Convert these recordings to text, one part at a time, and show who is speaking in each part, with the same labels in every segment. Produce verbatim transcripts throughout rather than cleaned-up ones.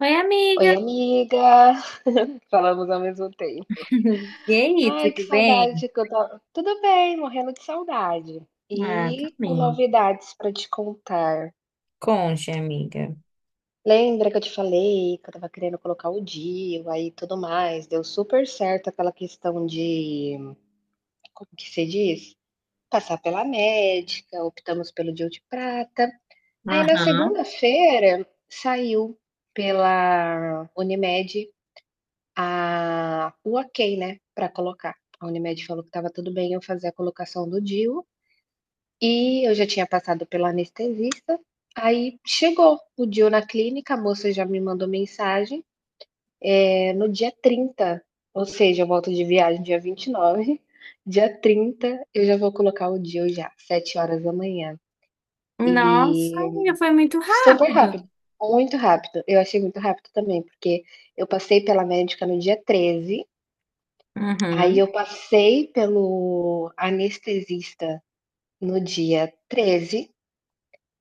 Speaker 1: Oi, amiga.
Speaker 2: Oi, amiga! Falamos ao mesmo tempo.
Speaker 1: E aí,
Speaker 2: Ai, que
Speaker 1: tudo bem?
Speaker 2: saudade que eu tava. Tudo bem, morrendo de saudade.
Speaker 1: Ah,
Speaker 2: E com
Speaker 1: também.
Speaker 2: novidades pra te contar.
Speaker 1: Conte, amiga.
Speaker 2: Lembra que eu te falei que eu tava querendo colocar o D I U aí e tudo mais? Deu super certo aquela questão de. Como que se diz? Passar pela médica, optamos pelo D I U de prata. Aí na
Speaker 1: Aham.
Speaker 2: segunda-feira saiu pela Unimed a o ok, né, para colocar. A Unimed falou que estava tudo bem eu fazer a colocação do D I U, e eu já tinha passado pelo anestesista. Aí chegou o D I U na clínica, a moça já me mandou mensagem, eh, no dia trinta. Ou seja, eu volto de viagem dia vinte e nove, dia trinta eu já vou colocar o D I U já, sete horas da manhã.
Speaker 1: Nossa,
Speaker 2: E
Speaker 1: amiga, foi muito
Speaker 2: super
Speaker 1: rápido.
Speaker 2: rápido, muito rápido, eu achei muito rápido também, porque eu passei pela médica no dia treze. Aí
Speaker 1: Uhum.
Speaker 2: eu passei pelo anestesista no dia treze.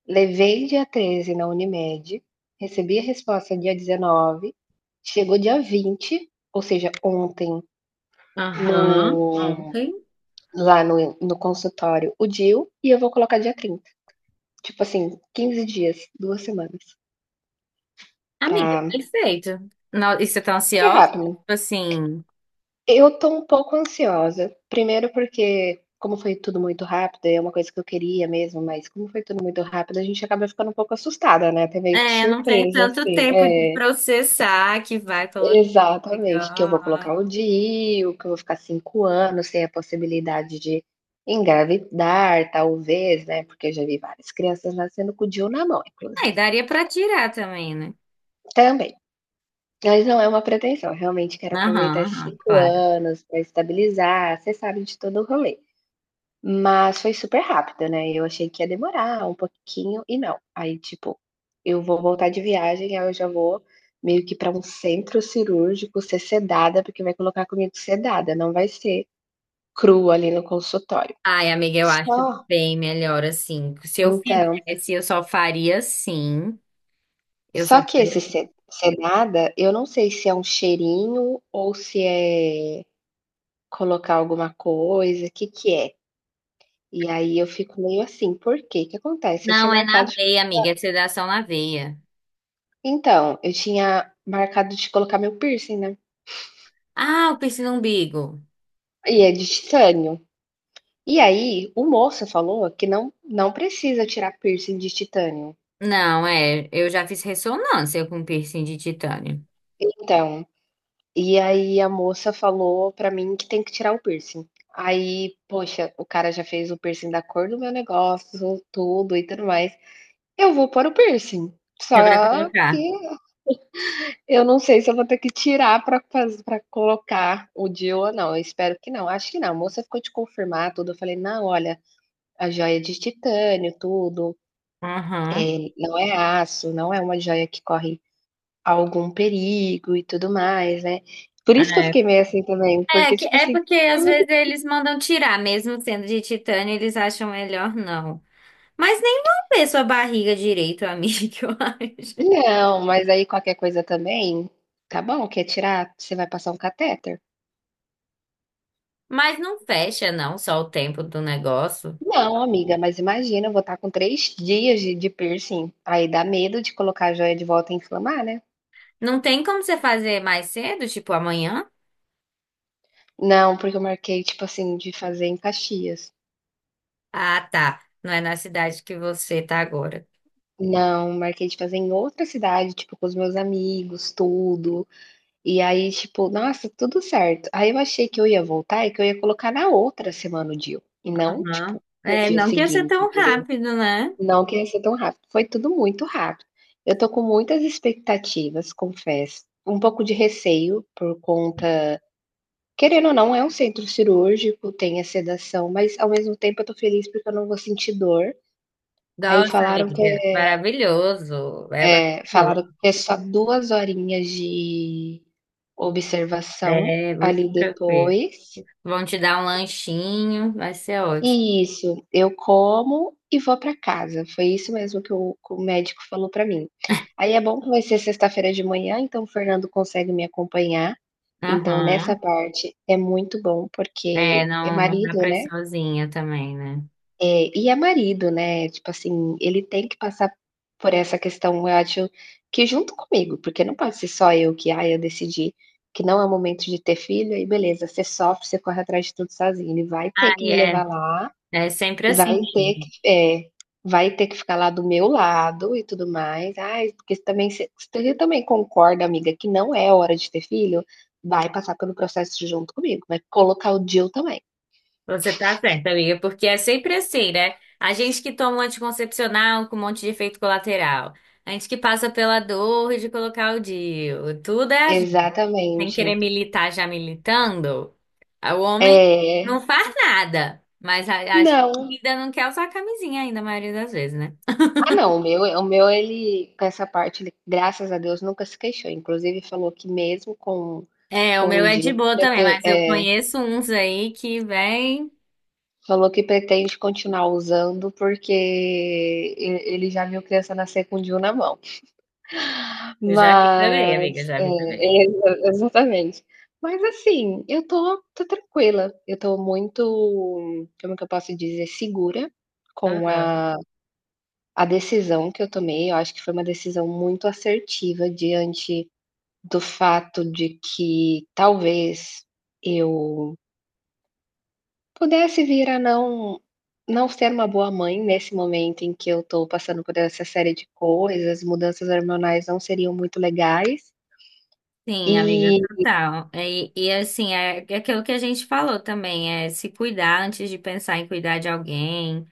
Speaker 2: Levei dia treze na Unimed, recebi a resposta dia dezenove. Chegou dia vinte, ou seja, ontem,
Speaker 1: Aham.
Speaker 2: no
Speaker 1: Ontem.
Speaker 2: lá no no consultório, o D I U, e eu vou colocar dia trinta. Tipo assim, quinze dias, duas semanas,
Speaker 1: Amiga,
Speaker 2: pra
Speaker 1: perfeito. No- E você tá
Speaker 2: que é
Speaker 1: ansiosa?
Speaker 2: rápido,
Speaker 1: Tipo
Speaker 2: né?
Speaker 1: assim,
Speaker 2: Eu tô um pouco ansiosa. Primeiro porque, como foi tudo muito rápido, e é uma coisa que eu queria mesmo, mas como foi tudo muito rápido, a gente acaba ficando um pouco assustada, né, até meio que
Speaker 1: é, não tem
Speaker 2: surpresa,
Speaker 1: tanto
Speaker 2: assim.
Speaker 1: tempo de
Speaker 2: É,
Speaker 1: processar que vai colocar.
Speaker 2: exatamente. Que eu vou
Speaker 1: Ah,
Speaker 2: colocar o D I U, que eu vou ficar cinco anos sem a possibilidade de engravidar, talvez, né, porque eu já vi várias crianças nascendo com o D I U na mão,
Speaker 1: e
Speaker 2: inclusive,
Speaker 1: daria pra tirar também, né?
Speaker 2: também. Mas não é uma pretensão. Eu realmente quero aproveitar
Speaker 1: Aham,
Speaker 2: esses
Speaker 1: aham,
Speaker 2: cinco
Speaker 1: claro.
Speaker 2: anos para estabilizar, você sabe de todo o rolê. Mas foi super rápido, né, eu achei que ia demorar um pouquinho e não, aí tipo, eu vou voltar de viagem, aí eu já vou meio que para um centro cirúrgico ser sedada, porque vai colocar comigo sedada, não vai ser crua ali no consultório.
Speaker 1: Ai, amiga, eu acho
Speaker 2: Só
Speaker 1: bem melhor assim. Se eu
Speaker 2: então,
Speaker 1: fizesse, eu só faria assim. Eu só
Speaker 2: só que
Speaker 1: faria.
Speaker 2: esse se sedada, eu não sei se é um cheirinho ou se é colocar alguma coisa. O que que é? E aí eu fico meio assim, por quê? O que acontece? Eu tinha
Speaker 1: Não, é na
Speaker 2: marcado
Speaker 1: veia, amiga, é sedação na veia.
Speaker 2: Então, eu tinha marcado de colocar meu piercing, né.
Speaker 1: Ah, o piercing no umbigo.
Speaker 2: E é de titânio. E aí, o moço falou que não não precisa tirar piercing de titânio.
Speaker 1: Não, é, eu já fiz ressonância com piercing de titânio.
Speaker 2: Então, e aí a moça falou pra mim que tem que tirar o piercing. Aí, poxa, o cara já fez o piercing da cor do meu negócio, tudo e tudo mais. Eu vou pôr o piercing, só
Speaker 1: Você vai
Speaker 2: que
Speaker 1: colocar.
Speaker 2: eu não sei se eu vou ter que tirar pra faz pra colocar o de ou não, eu espero que não. Acho que não, a moça ficou de confirmar tudo, eu falei: "Não, olha, a joia de titânio, tudo,
Speaker 1: Uhum.
Speaker 2: eh, não é aço, não é uma joia que corre algum perigo e tudo mais, né. Por isso que eu
Speaker 1: É.
Speaker 2: fiquei meio assim também,
Speaker 1: É,
Speaker 2: porque
Speaker 1: que-
Speaker 2: tipo
Speaker 1: é
Speaker 2: assim,
Speaker 1: porque
Speaker 2: foi
Speaker 1: às vezes
Speaker 2: muito
Speaker 1: eles mandam tirar, mesmo sendo de titânio, eles acham melhor não. Mas nem vão ver sua barriga direito, amiga, eu acho.
Speaker 2: não, mas aí qualquer coisa também, tá bom, quer tirar, você vai passar um catéter?
Speaker 1: Mas não fecha, não, só o tempo do negócio.
Speaker 2: Não amiga, mas imagina, eu vou estar com três dias de de piercing, aí dá medo de colocar a joia de volta e inflamar, né.
Speaker 1: Não tem como você fazer mais cedo, tipo amanhã?
Speaker 2: Não, porque eu marquei, tipo assim, de fazer em Caxias.
Speaker 1: Ah, tá. Não é na cidade que você tá agora.
Speaker 2: Não, marquei de fazer em outra cidade, tipo, com os meus amigos, tudo. E aí, tipo, nossa, tudo certo. Aí eu achei que eu ia voltar e que eu ia colocar na outra semana o dia, e não,
Speaker 1: Aham.
Speaker 2: tipo, no
Speaker 1: É,
Speaker 2: dia
Speaker 1: não que ia ser
Speaker 2: seguinte,
Speaker 1: tão
Speaker 2: entendeu?
Speaker 1: rápido, né?
Speaker 2: Não que ia ser tão rápido, foi tudo muito rápido. Eu tô com muitas expectativas, confesso, um pouco de receio por conta, querendo ou não, é um centro cirúrgico, tem a sedação, mas ao mesmo tempo eu tô feliz porque eu não vou sentir dor. Aí
Speaker 1: Nossa,
Speaker 2: falaram que,
Speaker 1: amiga, maravilhoso. É
Speaker 2: é,
Speaker 1: maravilhoso.
Speaker 2: falaram que é só duas horinhas de observação
Speaker 1: É muito
Speaker 2: ali
Speaker 1: tranquilo.
Speaker 2: depois.
Speaker 1: Vão te dar um lanchinho, vai ser ótimo.
Speaker 2: Isso, eu como e vou para casa, foi isso mesmo que o que o médico falou para mim. Aí é bom que vai ser sexta-feira de manhã, então o Fernando consegue me acompanhar, então nessa
Speaker 1: Aham.
Speaker 2: parte é muito bom,
Speaker 1: É,
Speaker 2: porque é
Speaker 1: não, não dá
Speaker 2: marido,
Speaker 1: pra ir
Speaker 2: né.
Speaker 1: sozinha também, né?
Speaker 2: É, e é marido, né, tipo assim, ele tem que passar por essa questão, eu acho que junto comigo, porque não pode ser só eu que: "Ah, eu decidi que não é o momento de ter filho", aí beleza, você sofre, você corre atrás de tudo sozinho, ele vai
Speaker 1: Ah,
Speaker 2: ter que me
Speaker 1: é.
Speaker 2: levar lá,
Speaker 1: É sempre assim.
Speaker 2: vai ter que é, vai ter que ficar lá do meu lado e tudo mais. "Ai, porque você também você você também concorda, amiga, que não é hora de ter filho?", vai passar pelo processo junto comigo, vai colocar o "Jill" também.
Speaker 1: Você tá certa, amiga, porque é sempre assim, né? A gente que toma um anticoncepcional com um monte de efeito colateral. A gente que passa pela dor de colocar o D I U. Tudo é a gente. Sem
Speaker 2: Exatamente.
Speaker 1: querer militar já militando. O homem não
Speaker 2: É,
Speaker 1: faz nada, mas a, a gente
Speaker 2: não.
Speaker 1: ainda não quer usar a camisinha ainda, a maioria das vezes, né?
Speaker 2: Ah, não, o meu o meu ele com essa parte ele, graças a Deus, nunca se queixou, inclusive falou que mesmo com
Speaker 1: É, o
Speaker 2: com
Speaker 1: meu
Speaker 2: o
Speaker 1: é de
Speaker 2: D I U
Speaker 1: boa também,
Speaker 2: preten
Speaker 1: mas eu
Speaker 2: é,
Speaker 1: conheço uns aí que vem.
Speaker 2: falou que pretende continuar usando, porque e ele já viu criança nascer com o D I U na mão.
Speaker 1: Eu já vi também, amiga,
Speaker 2: Mas
Speaker 1: já
Speaker 2: é,
Speaker 1: vi também.
Speaker 2: exa exatamente. Mas assim, eu tô tô tranquila, eu tô muito, como que eu posso dizer, segura com a a decisão que eu tomei, eu acho que foi uma decisão muito assertiva diante do fato de que talvez eu pudesse vir a não não ser uma boa mãe nesse momento em que eu estou passando por essa série de coisas, mudanças hormonais não seriam muito legais,
Speaker 1: Sim, amiga,
Speaker 2: e
Speaker 1: total. E, e assim, é é aquilo que a gente falou também, é se cuidar antes de pensar em cuidar de alguém,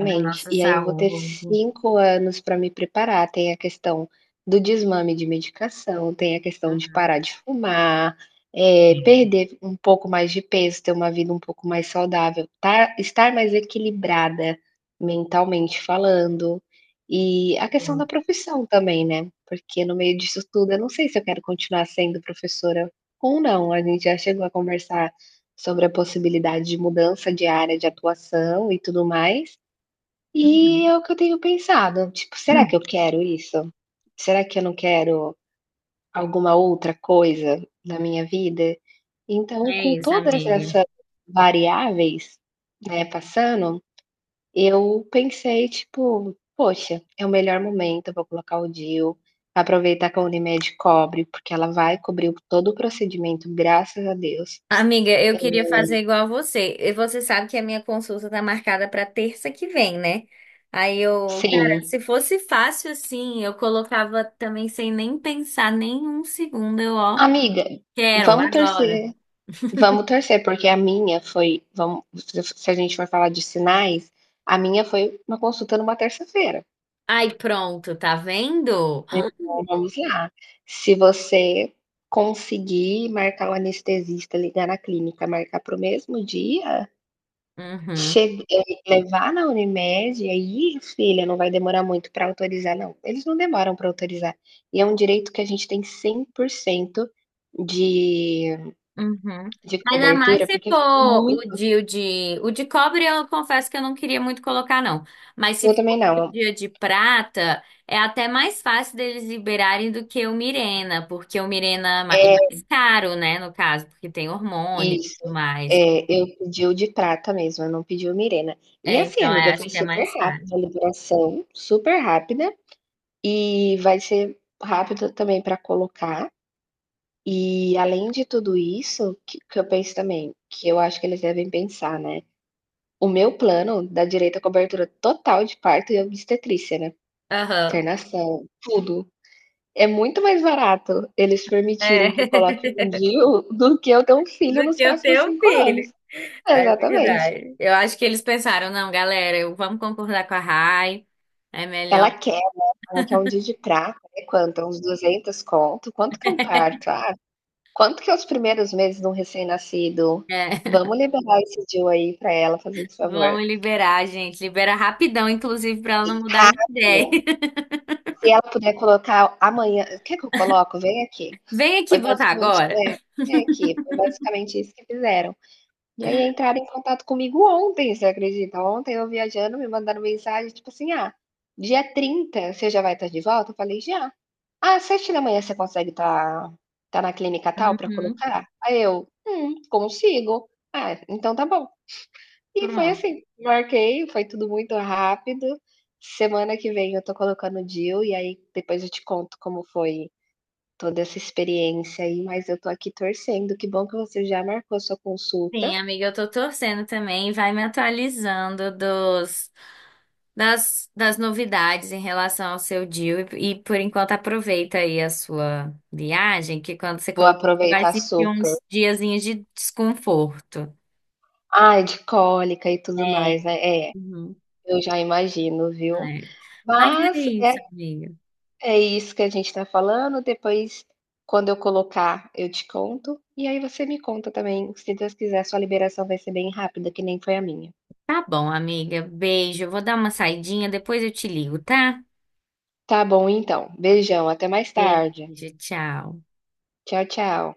Speaker 1: da nossa
Speaker 2: E aí eu vou ter
Speaker 1: saúde.
Speaker 2: cinco anos para me preparar. Tem a questão do desmame de medicação, tem a questão de parar de fumar, eh,
Speaker 1: Uhum.
Speaker 2: perder um pouco mais de peso, ter uma vida um pouco mais saudável, tá, estar mais equilibrada mentalmente falando. E a questão da profissão também, né, porque no meio disso tudo eu não sei se eu quero continuar sendo professora ou não. A gente já chegou a conversar sobre a possibilidade de mudança de área de atuação e tudo mais. E é o que eu tenho pensado, tipo: "Será que eu quero isso? Será que eu não quero alguma outra coisa na minha vida?". Então,
Speaker 1: É
Speaker 2: com
Speaker 1: isso,
Speaker 2: todas
Speaker 1: amiga.
Speaker 2: essas variáveis, né, passando, eu pensei, tipo: "Poxa, é o melhor momento, eu vou colocar o D I U, aproveitar que a Unimed cobre, porque ela vai cobrir todo o procedimento, graças a Deus".
Speaker 1: Amiga, eu queria fazer igual a você. E você sabe que a minha consulta tá marcada para terça que vem, né? Aí eu, cara,
Speaker 2: Sim.
Speaker 1: se fosse fácil assim, eu colocava também sem nem pensar nem um segundo, eu, ó,
Speaker 2: Amiga,
Speaker 1: quero
Speaker 2: vamos
Speaker 1: agora.
Speaker 2: torcer. Vamos torcer, porque a minha foi, vamos, se a gente for falar de sinais, a minha foi uma consulta numa terça-feira.
Speaker 1: Ai, pronto, tá vendo?
Speaker 2: Então, vamos lá. Se você conseguir marcar o anestesista, ligar na clínica, marcar para o mesmo dia, che
Speaker 1: Uhum.
Speaker 2: eh, levar na Unimed, aí, filha, não vai demorar muito para autorizar, não. Eles não demoram para autorizar. E é um direito que a gente tem cem por cento de
Speaker 1: Uhum.
Speaker 2: de
Speaker 1: Ainda mais
Speaker 2: cobertura,
Speaker 1: se
Speaker 2: porque ficou
Speaker 1: for o
Speaker 2: muito,
Speaker 1: de, o de, o de cobre, eu confesso que eu não queria muito colocar, não. Mas se
Speaker 2: eu
Speaker 1: for
Speaker 2: também
Speaker 1: o
Speaker 2: não.
Speaker 1: dia de prata, é até mais fácil deles liberarem do que o Mirena, porque o Mirena é ma- é
Speaker 2: É
Speaker 1: mais caro, né, no caso, porque tem hormônio e
Speaker 2: isso.
Speaker 1: tudo mais.
Speaker 2: É, eu pedi o de prata mesmo, eu não pedi o Mirena. E
Speaker 1: É,
Speaker 2: assim,
Speaker 1: então, eu
Speaker 2: amiga,
Speaker 1: acho
Speaker 2: foi
Speaker 1: que é
Speaker 2: super
Speaker 1: mais fácil.
Speaker 2: rápido a liberação, super rápida, e vai ser rápido também para colocar. E além de tudo isso, que que eu penso também, que eu acho que eles devem pensar, né, o meu plano dá direito à cobertura total de parto e obstetrícia, né,
Speaker 1: Aham.
Speaker 2: internação, tudo. É muito mais barato eles
Speaker 1: É.
Speaker 2: permitirem que eu coloque em D I U do que eu ter um
Speaker 1: Do
Speaker 2: filho nos
Speaker 1: que o
Speaker 2: próximos
Speaker 1: teu
Speaker 2: cinco
Speaker 1: filho.
Speaker 2: anos.
Speaker 1: É
Speaker 2: Exatamente.
Speaker 1: verdade. Eu acho que eles pensaram, não, galera, eu, vamos concordar com a Rai, é melhor.
Speaker 2: Ela quer, ela quer um dia de prata, né, quanto? Uns duzentos conto? Quanto que é um parto? "Ah, quanto que é os primeiros meses de um recém-nascido?
Speaker 1: É,
Speaker 2: Vamos liberar esse D I U aí pra ela fazer esse
Speaker 1: vamos
Speaker 2: favor".
Speaker 1: liberar, gente. Libera rapidão, inclusive, pra ela não mudar de ideia.
Speaker 2: Rápido, se ela puder colocar amanhã: "Quer que eu coloco? Vem aqui".
Speaker 1: Vem aqui
Speaker 2: Foi
Speaker 1: botar
Speaker 2: basicamente
Speaker 1: agora.
Speaker 2: é, "Vem aqui", foi basicamente isso que fizeram. E aí entraram em contato comigo ontem, você acredita? Ontem eu viajando, me mandaram mensagem, tipo assim: "Ah, dia trinta você já vai estar de volta?" Eu falei: "Já". "Ah, às sete da manhã você consegue estar estar na clínica tal para
Speaker 1: Uhum,
Speaker 2: colocar?" Aí eu: "Hum, consigo". "Ah, então tá bom". E foi
Speaker 1: pronto.
Speaker 2: assim, marquei, foi tudo muito rápido. Semana que vem eu tô colocando o D I U e aí depois eu te conto como foi toda essa experiência aí, mas eu tô aqui torcendo. Que bom que você já marcou a sua
Speaker 1: Sim,
Speaker 2: consulta,
Speaker 1: amiga, eu tô torcendo também. Vai me atualizando dos, das, das novidades em relação ao seu deal. E, e, por enquanto, aproveita aí a sua viagem, que quando você
Speaker 2: vou
Speaker 1: colocar, você vai
Speaker 2: aproveitar
Speaker 1: sentir
Speaker 2: super.
Speaker 1: uns diazinhos de desconforto.
Speaker 2: Ai, de cólica e tudo mais,
Speaker 1: É.
Speaker 2: né. É,
Speaker 1: Uhum,
Speaker 2: eu já imagino, viu.
Speaker 1: é. Mas é
Speaker 2: Mas, eh
Speaker 1: isso, amiga.
Speaker 2: é isso que a gente está falando, depois quando eu colocar, eu te conto, e aí você me conta também, se Deus quiser, sua liberação vai ser bem rápida, que nem foi a minha.
Speaker 1: Tá bom, amiga. Beijo. Eu vou dar uma saidinha, depois eu te ligo, tá?
Speaker 2: Tá bom então, beijão, até mais tarde.
Speaker 1: Beijo, tchau.
Speaker 2: Tchau, tchau.